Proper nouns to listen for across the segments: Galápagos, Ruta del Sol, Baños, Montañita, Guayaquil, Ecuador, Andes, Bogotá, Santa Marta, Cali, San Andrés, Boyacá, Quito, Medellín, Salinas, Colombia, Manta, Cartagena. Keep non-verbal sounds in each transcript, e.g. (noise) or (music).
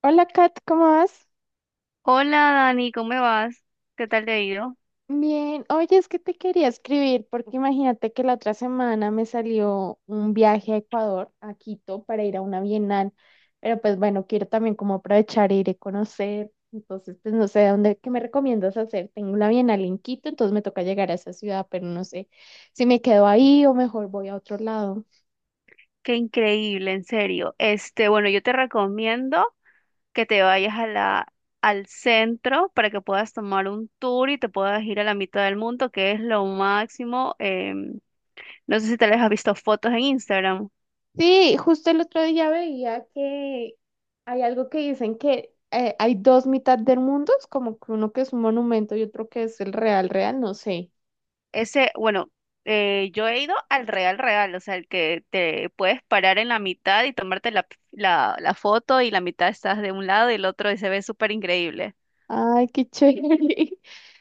Hola Kat, ¿cómo vas? Hola Dani, ¿cómo vas? ¿Qué tal te ha ido? Bien, oye, es que te quería escribir porque imagínate que la otra semana me salió un viaje a Ecuador, a Quito, para ir a una bienal, pero pues bueno, quiero también como aprovechar e ir a conocer, entonces pues no sé dónde, ¿qué me recomiendas hacer? Tengo una bienal en Quito, entonces me toca llegar a esa ciudad, pero no sé si me quedo ahí o mejor voy a otro lado. Qué increíble, en serio. Este, bueno, yo te recomiendo que te vayas a al centro para que puedas tomar un tour y te puedas ir a la mitad del mundo, que es lo máximo. No sé si te les has visto fotos en Instagram. Sí, justo el otro día veía que hay algo que dicen que hay dos mitad del mundo, es como que uno que es un monumento y otro que es el real, real, no sé. Ese, bueno, yo he ido al Real Real, o sea, el que te puedes parar en la mitad y tomarte la foto y la mitad estás de un lado y el otro y se ve súper increíble. Ay, qué chévere. (laughs)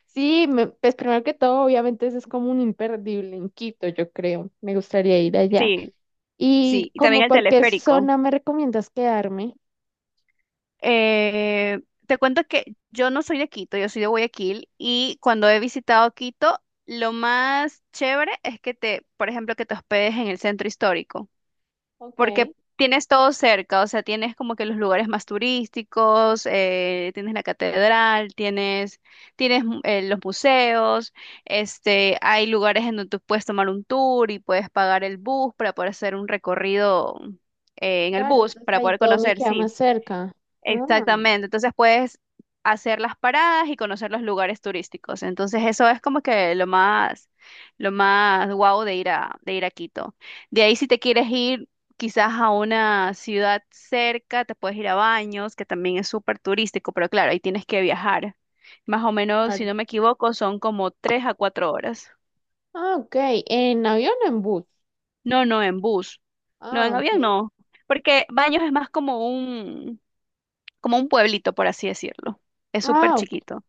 Sí, pues primero que todo, obviamente eso es como un imperdible en Quito, yo creo. Me gustaría ir allá. Sí. ¿Y Sí, y también como el por qué teleférico. zona me recomiendas quedarme? Eh, Te cuento que yo no soy de Quito, yo soy de Guayaquil y cuando he visitado Quito, lo más chévere es que por ejemplo, que te hospedes en el centro histórico, Ok, porque tienes todo cerca, o sea, tienes como que los lugares más turísticos, tienes la catedral, tienes los museos. Este, hay lugares en donde tú puedes tomar un tour y puedes pagar el bus para poder hacer un recorrido en el claro, bus, entonces para ahí poder todo me conocer, queda más sí. cerca. Ah, Exactamente, entonces puedes hacer las paradas y conocer los lugares turísticos. Entonces eso es como que lo más guau de ir de ir a Quito. De ahí si te quieres ir quizás a una ciudad cerca, te puedes ir a Baños, que también es súper turístico, pero claro, ahí tienes que viajar. Más o menos, si claro. no me equivoco, son como tres a cuatro horas. Ah, ok. ¿En avión o en bus? No, no, en bus. No, Ah, en ok. avión no. Porque Baños es más como un pueblito, por así decirlo. Es súper Ah, ok. chiquito. O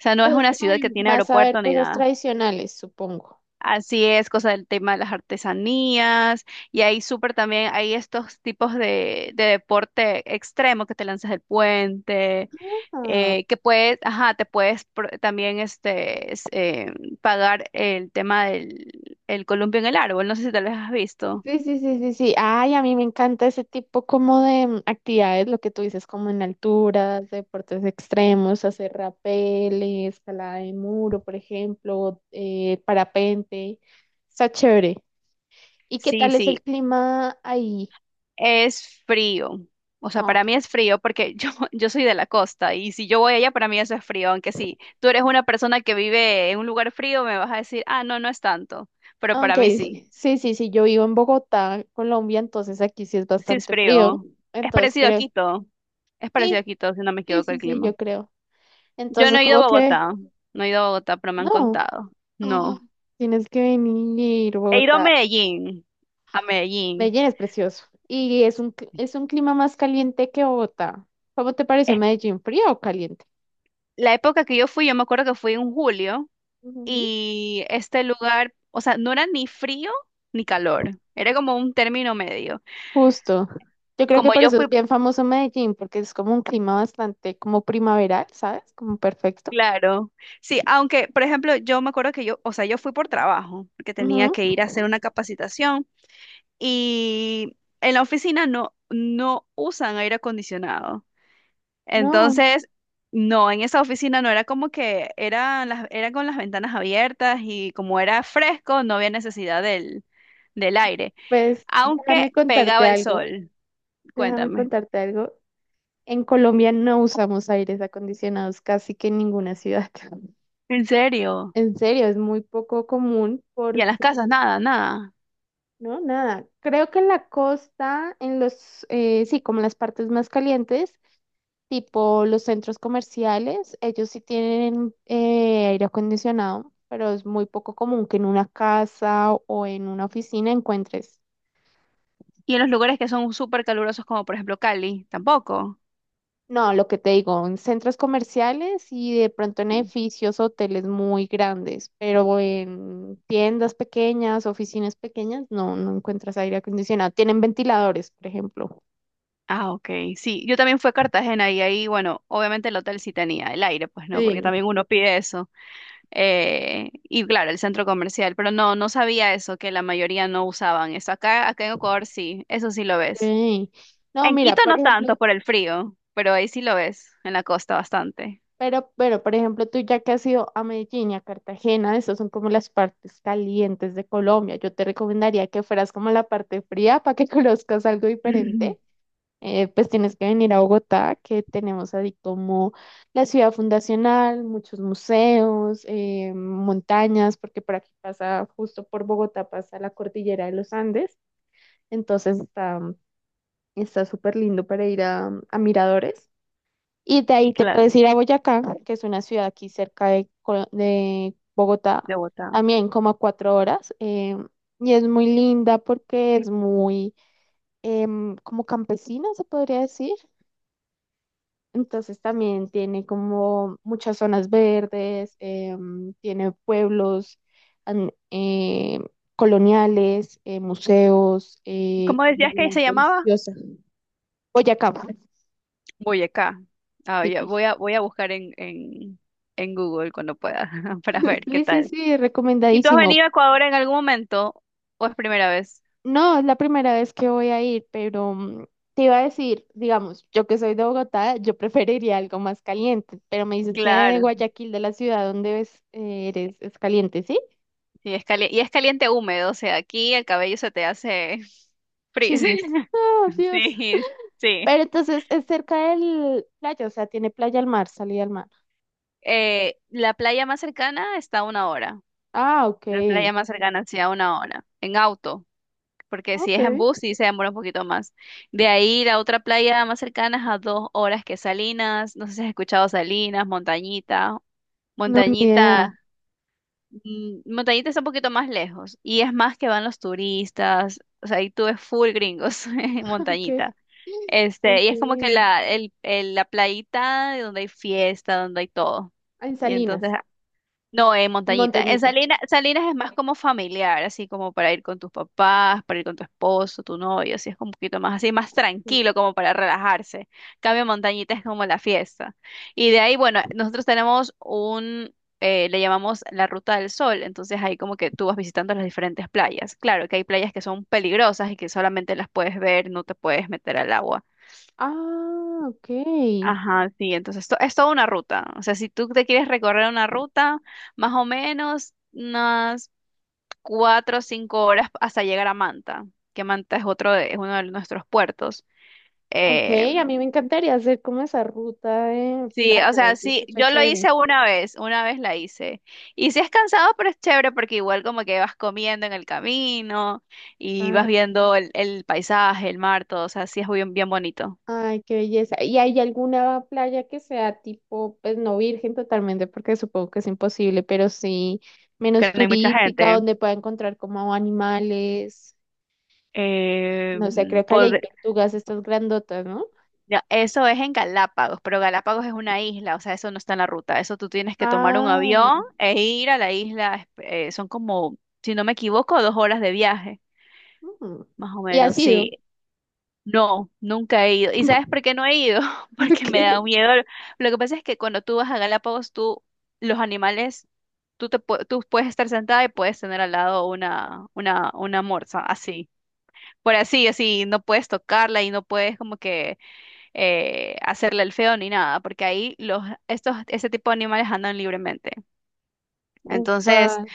sea, no es Pues es una como ciudad que de tiene más saber aeropuerto ni cosas nada. tradicionales, supongo. Así es, cosa del tema de las artesanías. Y ahí súper también hay estos tipos de deporte extremo que te lanzas del puente, Ah, ajá, te puedes pagar el tema del el columpio en el árbol. No sé si te lo has visto. sí, sí, sí, sí, sí. Ay, a mí me encanta ese tipo como de actividades, lo que tú dices, como en alturas, deportes extremos, hacer rappel, escalada de muro, por ejemplo, parapente. Está chévere. ¿Y qué Sí, tal es el sí. clima ahí? Es frío. O sea, Ah, para ok, mí es frío porque yo, (laughs) yo soy de la costa y si yo voy allá, para mí eso es frío. Aunque sí, tú eres una persona que vive en un lugar frío, me vas a decir, ah, no, no es tanto. Pero ok, para mí sí, sí, sí, sí, yo vivo en Bogotá, Colombia, entonces aquí sí es sí es bastante frío. frío. Es Entonces parecido a creo, Quito. Es parecido a sí, Quito, si no me sí, equivoco el sí, sí, clima. yo creo. Yo Entonces, no he ido como a que, Bogotá. No he ido a Bogotá, pero me han no, contado. ah, No. tienes que venir, He ido a Bogotá. Medellín. A Medellín. Medellín es precioso y es un clima más caliente que Bogotá. ¿Cómo te pareció Es- Medellín? ¿Frío o caliente? La época que yo fui, yo me acuerdo que fui en julio. Ujú. Y este lugar, o sea, no era ni frío ni calor, era como un término medio. Justo. Yo creo que Como por yo eso fui, es bien famoso Medellín, porque es como un clima bastante como primaveral, ¿sabes? Como perfecto. claro, sí, aunque, por ejemplo, yo me acuerdo que yo, o sea, yo fui por trabajo, porque tenía Ujú. que ir a hacer una capacitación y en la oficina no usan aire acondicionado. No, Entonces, no, en esa oficina no era como que eran las, era con las ventanas abiertas y como era fresco, no había necesidad del aire, pues aunque déjame contarte pegaba el algo. sol. Déjame Cuéntame. contarte algo. En Colombia no usamos aires acondicionados casi que en ninguna ciudad. ¿En serio? En serio, es muy poco común ¿Y en las porque, casas? Nada, nada. no, nada, creo que en la costa, en los, sí, como en las partes más calientes, tipo los centros comerciales, ellos sí tienen aire acondicionado, pero es muy poco común que en una casa o en una oficina encuentres. ¿Y en los lugares que son súper calurosos como por ejemplo Cali? Tampoco. No, lo que te digo, en centros comerciales y de pronto en edificios, hoteles muy grandes, pero en tiendas pequeñas, oficinas pequeñas, no, no encuentras aire acondicionado. Tienen ventiladores, por ejemplo. Ah, ok. Sí, yo también fui a Cartagena y ahí, bueno, obviamente el hotel sí tenía el aire, pues no, porque Sí. también uno pide eso. Y claro, el centro comercial, pero no, no sabía eso, que la mayoría no usaban eso. Acá en Ecuador sí, eso sí lo ves. Sí. No, En mira, Quito por no tanto ejemplo, por el frío, pero ahí sí lo ves, en la costa bastante. pero, por ejemplo, tú ya que has ido a Medellín y a Cartagena, esas son como las partes calientes de Colombia. Yo te recomendaría que fueras como a la parte fría para que (laughs) conozcas algo diferente. (laughs) Pues tienes que venir a Bogotá, que tenemos así como la ciudad fundacional, muchos museos, montañas, porque por aquí pasa, justo por Bogotá pasa la cordillera de los Andes, entonces está súper lindo para ir a miradores. Y de ahí te Claro, puedes ir a Boyacá, que es una ciudad aquí cerca de Bogotá, de Bogotá. también como a 4 horas, y es muy linda porque es muy... como campesina, se podría decir. Entonces también tiene como muchas zonas verdes, tiene pueblos an- eh, coloniales, museos, ¿Cómo decías comida que se llamaba? deliciosa. Boyacá, Voy acá. Ah, ya, tipi. Voy a buscar en Google cuando pueda (laughs) para ver qué Sí, sí, tal. sí, ¿Y tú has recomendadísimo. venido a Ecuador en algún momento o es primera vez? No, es la primera vez que voy a ir, pero te iba a decir, digamos, yo que soy de Bogotá, yo preferiría algo más caliente, pero me dices que Claro. Guayaquil, de la ciudad donde ves, es caliente, ¿sí? Y es caliente húmedo, o sea, aquí el cabello se te hace (laughs) frizz. Chinos. (laughs) Oh, Dios. Sí, sí. Pero entonces es cerca del playa, o sea, tiene playa al mar, salida al mar. La playa más cercana está a una hora. Ah, La ok. playa más cercana, sí, a una hora. En auto, porque si Ok. es en bus sí se demora un poquito más. De ahí la otra playa más cercana es a dos horas, que Salinas, no sé si has escuchado Salinas, Montañita, No, ni idea. Montañita, Montañita está un poquito más lejos y es más que van los turistas, o sea, ahí tú ves full gringos (laughs) en (laughs) Ok. Montañita. Este, y Ok. es como que la playita donde hay fiesta, donde hay todo. Ah, en Y entonces Salinas, no, en Montañita. En Montañita. Salinas, Salinas es más como familiar, así como para ir con tus papás, para ir con tu esposo, tu novio, así es como un poquito más así, más Sí. tranquilo, como para relajarse. Cambio Montañita es como la fiesta. Y de ahí, bueno, nosotros tenemos un le llamamos la Ruta del Sol, entonces ahí como que tú vas visitando las diferentes playas. Claro que hay playas que son peligrosas y que solamente las puedes ver, no te puedes meter al agua. Ah, ok. Ajá, sí, entonces esto es toda una ruta. O sea, si tú te quieres recorrer una ruta, más o menos unas cuatro o cinco horas hasta llegar a Manta, que Manta es otro de, es uno de nuestros puertos. Ok, Eh, a mí me encantaría hacer como esa ruta de sí, o playa, sea, se sí, escucha yo lo chévere. hice una vez la hice. Y sí es cansado, pero es chévere porque igual como que vas comiendo en el camino y Ah, vas viendo el paisaje, el mar, todo, o sea, sí es bien, bien bonito. ay, qué belleza. ¿Y hay alguna playa que sea tipo, pues no virgen totalmente, porque supongo que es imposible, pero sí menos Que no hay mucha turística, gente. donde pueda encontrar como animales? Eh, No sé, creo que allá hay tortugas, estas grandotas, ¿no? Ya, eso es en Galápagos, pero Galápagos es una isla, o sea, eso no está en la ruta. Eso tú tienes que tomar un Ah, avión e ir a la isla. Son como, si no me equivoco, dos horas de viaje, mm. más o ¿Y ha menos, sido? sí. No, nunca he ido. ¿Y sabes por (laughs) qué no he ido? (laughs) Porque me da Porque, miedo. Lo que pasa es que cuando tú vas a Galápagos, tú, los animales, tú puedes estar sentada y puedes tener al lado una morsa, así. Por así, así, no puedes tocarla y no puedes como que hacerle el feo ni nada, porque ahí este tipo de animales andan libremente. Entonces, upa,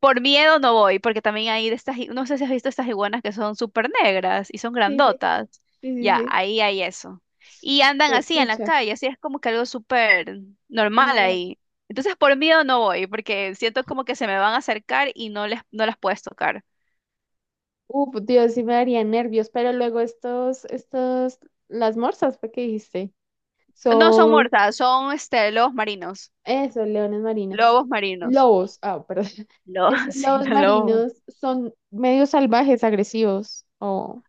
por miedo no voy, porque también hay de estas, no sé si has visto estas iguanas que son súper negras y son sí, sí, grandotas. sí, sí, Ya, sí. ahí hay eso. Y andan Pues, así en la pucha, calle, así es como que algo súper normal animal. ahí. Entonces, por miedo no voy, porque siento como que se me van a acercar y no les, no las puedes tocar. Uf, Dios, sí me daría nervios, pero luego estos, las morsas, fue que dijiste, No son son muertas, son este, lobos marinos. eso, leones marinos. Lobos marinos. Lobos, ah, perdón. (laughs) Estos Lobos, (laughs) sí, lobos los lobos. marinos son medio salvajes, agresivos o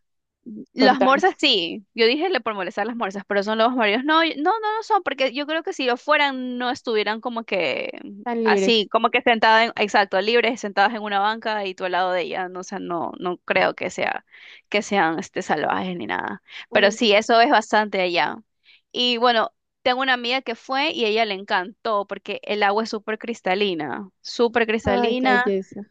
son Las tranquilos, morsas sí, yo dije le por molestar las morsas, pero son lobos marinos. No, no son, porque yo creo que si lo fueran no estuvieran como que tan así, libres. como que sentadas, en, exacto, libres, sentadas en una banca y tú al lado de ella, no, o sea, no, no creo que que sean este, salvajes ni nada. Pero sí, Okay. eso es bastante allá. Y bueno, tengo una amiga que fue y ella le encantó porque el agua es súper Ay, qué cristalina, belleza.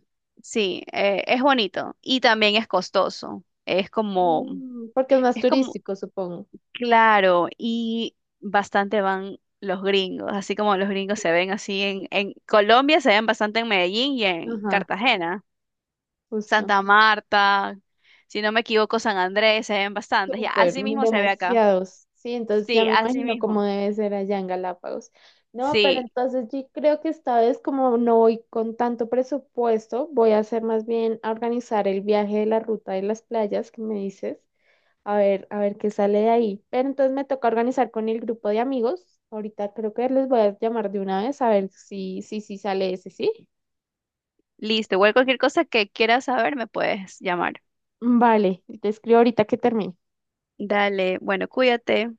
sí, es bonito y también es costoso. Es como Mm, porque es más es como, turístico, supongo. claro, y bastante van los gringos, así como los gringos se ven así en Colombia, se ven bastante en Medellín y en Ajá, Cartagena, justo. Santa Marta, si no me equivoco, San Andrés, se ven bastantes, ya, Súper, así mm, mismo se ve acá. demasiados. Sí, entonces ya Sí, me así imagino cómo mismo. debe ser allá en Galápagos. No, pero Sí, entonces yo creo que esta vez como no voy con tanto presupuesto, voy a hacer más bien a organizar el viaje de la ruta de las playas que me dices. A ver qué sale de ahí. Pero entonces me toca organizar con el grupo de amigos. Ahorita creo que les voy a llamar de una vez a ver si sale ese, ¿sí? listo, igual cualquier cosa que quieras saber me puedes llamar. Vale, te escribo ahorita que termine. Dale, bueno, cuídate.